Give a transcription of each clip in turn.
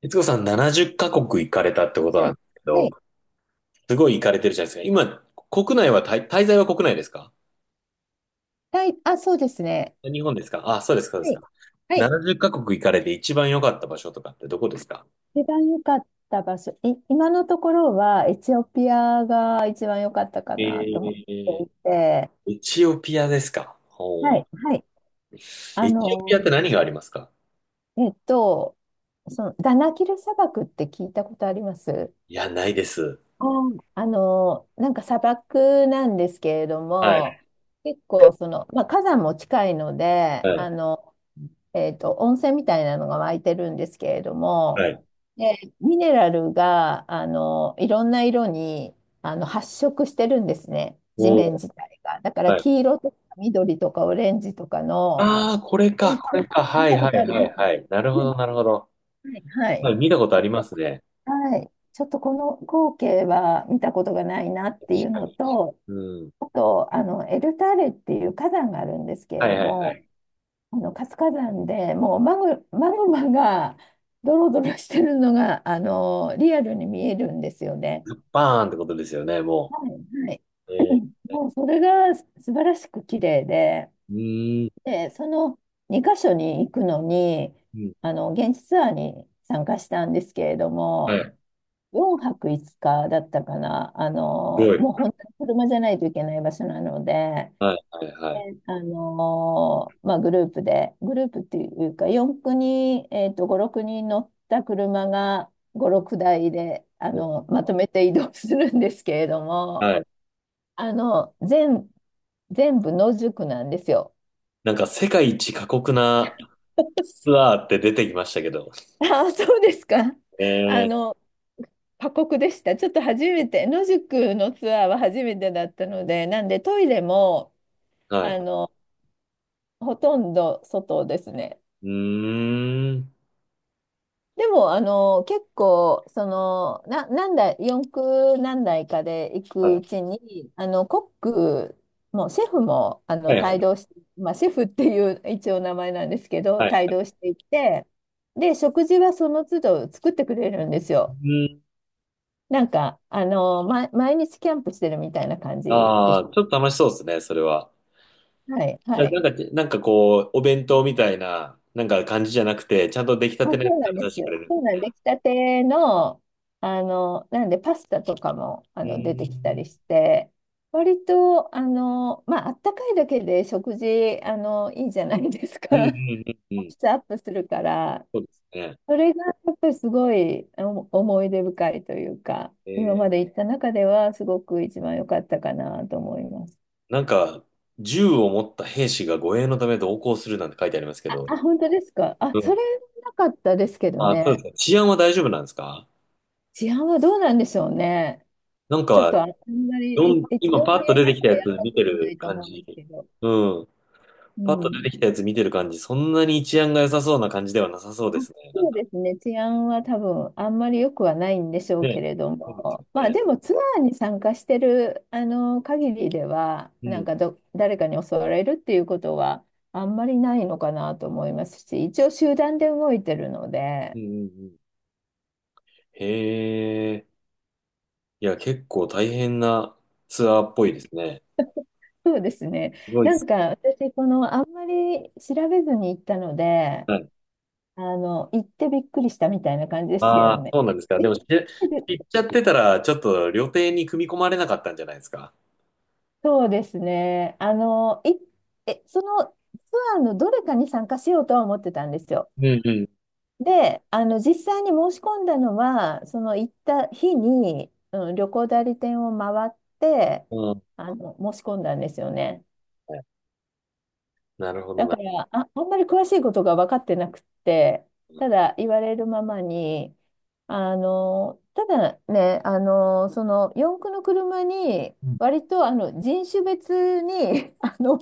悦子さん70カ国行かれたってことはなんい。ですけはど、い。すごい行かれてるじゃないですか。今、国内は滞、滞在は国内ですか？はい。あ、そうですね。日本ですか？あ、そうですか、そうではすい。か。はい。70カ国行かれて一番良かった場所とかってどこですか？一番良かった場所、今のところはエチオピアが一番良かったかえなと思ってー、いて、エチオピアですか？はほい、はい。う。あエチオピの、アって何がありますか？えっと、そのダナキル砂漠って聞いたことあります？いや、ないです。なんか砂漠なんですけれどはい、も、結構まあ、火山も近いのはで、い、温泉みたいなのが湧いてるんですけれどはも、い。で、ミネラルが、いろんな色に、発色してるんですね。地お面ー、自体が。だからはい。黄色とか緑とかオレンジとかの、ああ、これか、これか。見はい、たこはとあい、りはまい、はす。い。なるほど、なるほど。はいはい。はい、見たことありますね。はい。ちょっとこの光景は見たことがないなっていうはのい、と、うん。あと、エルターレっていう火山があるんですけはれい、どはい、はも、い。活火山でもうマグマがドロドロしてるのがリアルに見えるんですよね。バーンってことですよね、はもいはい、う。えー、もうそれが素晴らしく綺麗で、うーん。で、その2箇所に行くのにうん、あの現地ツアーに参加したんですけれどはも、い。4泊5日だったかな、すごい。もう本当に車じゃないといけない場所なので。はい、はい、はでい。まあ、グループで、グループっていうか、4、9人、5、6人乗った車が5、6台で、ね、まとめて移動するんですけれども、はい。あの、全、全部野宿なんですよ。なんか、世界一過酷なツ アーって出てきましたけど。ああ、そうですか。えあー、の、過酷でした。ちょっと初めて、野宿のツアーは初めてだったので、なんでトイレも、はあい。の、ほとんど外ですね。うーん。でも、結構、何台、四駆何台かで行はくうい、ちに、コックも、シェフも、はい、は帯い。同して、まあ、シェフっていう一応名前なんですけど、はい。帯同していって、で、食事はその都度作ってくれるんですうよ。ーん。なんか、毎日キャンプしてるみたいな感じであす。あ、ちょっと楽しそうですね、それは。はい、いはやない。んか、なんかこう、お弁当みたいな、なんか感じじゃなくて、ちゃんと出来たあ、てのやつそうなんをで出す。してくれる。そうなんで、出来たての、なんで、パスタとかも、う出てきたーん。りして、割と、まあ、あったかいだけで食事、いいじゃないですか。うん、う ん、うん、うん。質アップするから、そうですね。それが、やっぱりすごい、思い出深いというか、今まえで行った中では、すごく一番良かったかなと思います。なんか、銃を持った兵士が護衛のため同行するなんて書いてありますけど、あ、本当ですか。あ、うそん。れなかったですけどあ、そうでね。すか。治安は大丈夫なんですか？治安はどうなんでしょうね。なんちょっか、とあんまり、エチ今オパッピとア出自てきたや体つあんま見りて良くなるいと感思うんでじ。すけど、うん。うパッと出ん。てきたやつ見てる感じ、そんなに治安が良さそうな感じではなさそうあ、ですね。なんそうだ。ですね。治安は多分あんまり良くはないんでしょうけね。れどそうですも、よまあね。でもツアーに参加してるあの限りでは、うなんん。かど、誰かに襲われるっていうことはあんまりないのかなと思いますし、一応集団で動いてるのうで、ん、うん、うん。へえ。いや、結構大変なツアーっぽいですね。そうですね。すごいでなす。んか私、このあんまり調べずに行ったので、はい。行ってびっくりしたみたいな感じですけどああ、ね。そうなんですか。でえ、も、知 っちゃってたら、ちょっと料亭に組み込まれなかったんじゃないですか。そうですね。そのツアーのどれかに参加しようとは思ってたんですよ。うん、うで、実際に申し込んだのは、その行った日に、うん、旅行代理店を回って、ん。うん。申し込んだんですよね。なるほどだな。から、あんまり詳しいことが分かってなくって、ただ言われるままに、ただね、その四駆の車に、うん。割とあの人種別に あの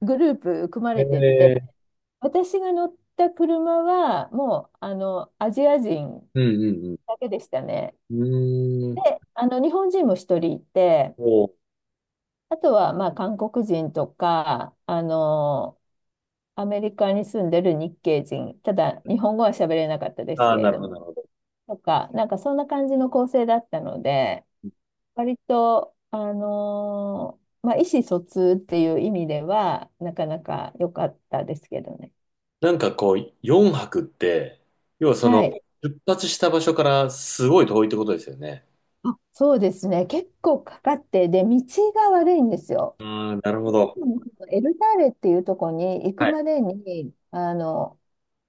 グループ組まえれてって、えー、私が乗った車は、もうあのアジア人うん、うん、だけでしたね。うん。うーん。で、あの日本人も一人いて、おう。あとはまあ韓国人とか、アメリカに住んでる日系人、ただ日本語は喋れなかったですあけあ、れなるどほも、どな。ええ、うん、うん、うん、うーん、おう、ああ、なるほど。とか、なんかそんな感じの構成だったので、割と、まあ、意思疎通っていう意味では、なかなか良かったですけどね。なんかこう、4泊って、要はその、はい。出発した場所からすごい遠いってことですよね。あ、そうですね。結構かかって、で、道が悪いんですよ。ああ、なるほど。特にエルターレっていうところに行くはい。までに、あの、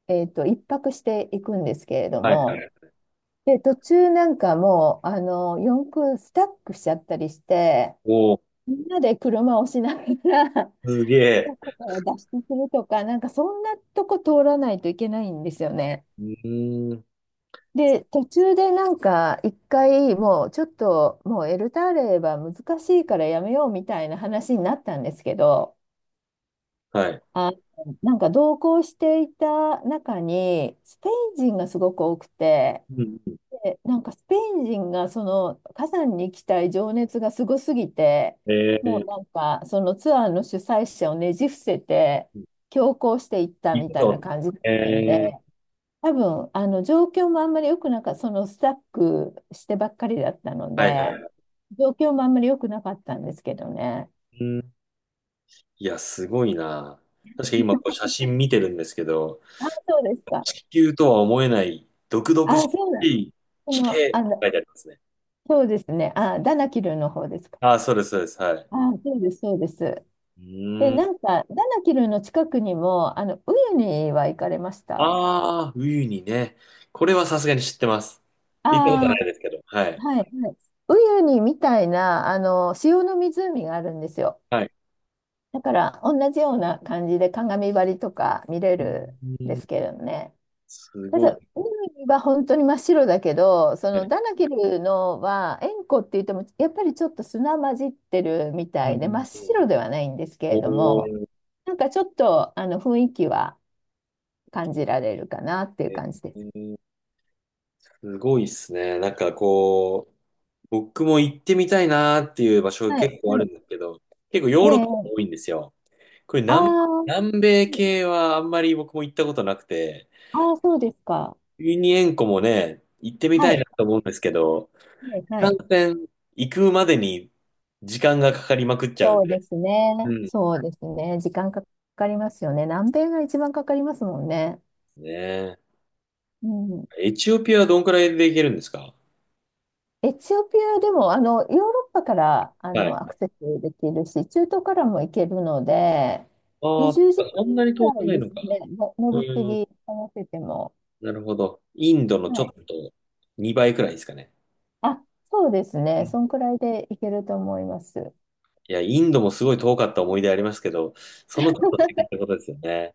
えっと、一泊していくんですけれどはい、はも、い。で、途中なんかもう、四駆スタックしちゃったりして、おお、みんなで車を押しながら、すげ スタッえ。クから脱出するとか、なんかそんなとこ通らないといけないんですよね。うーん。で、途中でなんか、一回もうちょっと、もうエルターレーは難しいからやめようみたいな話になったんですけど、はい。あ、なんか同行していた中に、スペイン人がすごく多くて、うん、うん。でなんかスペイン人がその火山に行きたい情熱がすごすぎて、えもうなえ、んかそのツアーの主催者をねじ伏せて強行していった行みくたいなぞ。感じだったんえで、え、多分あの状況もあんまり良くなかった、そのスタックしてばっかりだったのはい、はい。で、う状況もあんまり良くなかったんですけどね。ーん。いや、すごいな。確かに今こう写真見てるんですけど、そうですか。地球とは思えない毒々しあ、そうなん。いそ地形の、っあての、書いてありますね。そうですね。あ、ダナキルの方ですか。ああ、そうです、そうです。はい。あ、そうです、そうです。うで、ーなん。んか、ダナキルの近くにも、ウユニは行かれました？ああ、ウユニね。これはさすがに知ってます。あ行ったことはないですあ、けど。はい。はい。はい。ウユニみたいな、塩の湖があるんですよ。はい。だから、同じような感じで鏡張りとか見れうーるんでん、すけれどね。すたごだ、いでウユニは本当に真っ白だけど、そすのね。ダナキルのは、塩湖って言っても、やっぱりちょっと砂混じってるみうん、たういで、真っん、うん。白ではないんですけれどおも、ー、なんかちょっと、雰囲気は感じられるかなっていうえ感じです。ーすごいですね。なんかこう、僕も行ってみたいなーっていう場所はい、結構はあるんい。ですけど、結構ヨえーロッパがえ、多いんですよ。これああ、南米系はあんまり僕も行ったことなくて、ああ、そうですか。ユニ塩湖もね、行ってみはたいない、と思うんですけど、はい、いはかい。行くまでに時間がかかりまくっちゃうんそうでで。すね。うん。そうですね。時間かかりますよね。南米が一番かかりますもんね。ねえ。うん。エチオピアはどんくらいで行けるんですか？エチオピアでも、ヨーロッパから、はい。アあクセスできるし、中東からも行けるので、あ、そっ20時か間そんなに遠ぐくらいないですのか。ね。の乗うり継ん。ぎ合わせても。なるほど。インドのちょはい。っと2倍くらいですかね。あ、そうですうね。ん。そんくらいで行けると思います。いや、インドもすごい遠かった思い出ありますけど、そのちょっと先っ てことですよね。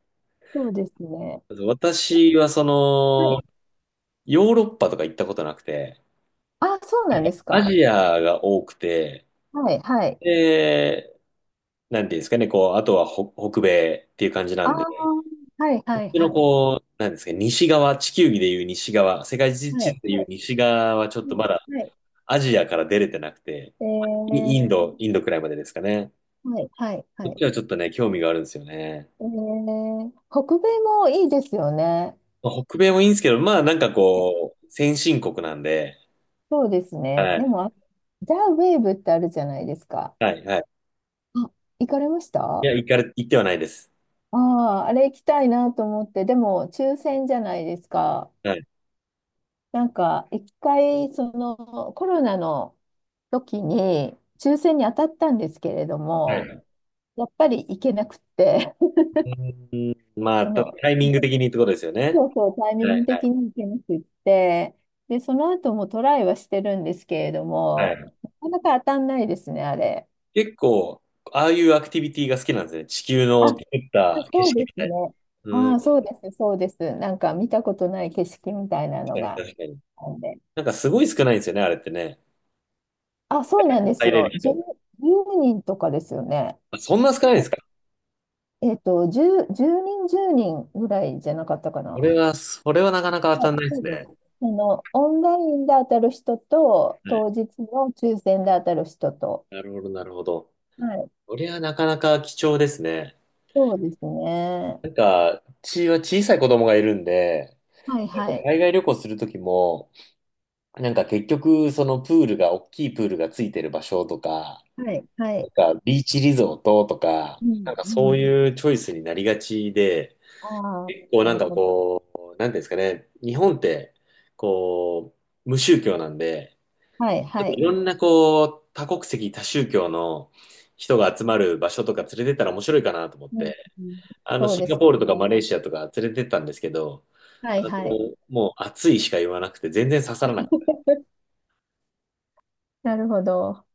そうですね。私はそはい。ヨーロッパとか行ったことなくて、あ、そうなんですアか。ジアが多くて、はい、はい。で、なんていうんですかね、こう、あとは北米っていう感じなああ、んで、はい、こっはい、ちのはい。こう、なんですかね、西側、地球儀でいう西側、世界地は図い、でいはう西側はちょっい、とはまだい。はい。アジアから出れてなくて、えー、インドくらいまでですかね。はい、はい、こはっい。ちはちょっとね、興味があるんですよね。えー、北米もいいですよね。まあ北米もいいんですけど、まあなんかはい。こう、先進国なんで、そうですはね。でい、も、あ、ザ・ウェーブってあるじゃないですか。はい、はい。あ、行かれました？いや、あ行かれ、行ってはないです。あー、あれ行きたいなと思って、でも、抽選じゃないですか。はい。なんか、一回、コロナの時に、抽選に当たったんですけれどはも、い。やっぱり行けなくって、うーん、まあ、そただの、タイミング的にってことですよね。そうそう、タイミはンい、グはい、的に行けなくって、で、その後もトライはしてるんですけれどはも、い。なかなか当たんないですね、あれ。結構、ああいうアクティビティが好きなんですね。地球あ、の作った景そう色でみすたいね。な。うあん、あ、そう確です、そうです。なんか見たことない景色みたいなのかにが確かに。あるんで。なんかすごい少ないんですよね、あれってね。あ、そうなんです入れるよ。10、人。人とかですよね。あ、そんな少ないんですか？えっと、10、10人、10人ぐらいじゃなかったかそな。れは、それはなかなか当たはんい、ないでそすうでね。す。オンラインで当たる人と、はい、当日の抽選で当たる人と。なるほど、なるほど。はい、それはなかなか貴重ですね。そうですね。なんか、うちは小さい子供がいるんで、はい、なんかはい、海外旅行するときも、なんか結局、そのプールが、大きいプールがついてる場所とか、はい、はない。んか、ビーチリゾートとか、うなん、んかうそうん。いうチョイスになりがちで、ああ、結構ななんるかほど。こう、なんていうんですかね、日本って、こう、無宗教なんで、はちい、ょっはといい。ろんなこう、多国籍、多宗教の人が集まる場所とか連れてったら面白いかなと思っうん、て、うん。あの、そうシでンガすよポールとかマね。レーシアとか連れてったんですけど、はあい、の、はい。もう暑いしか言わなくて全然刺さらない。なるほど。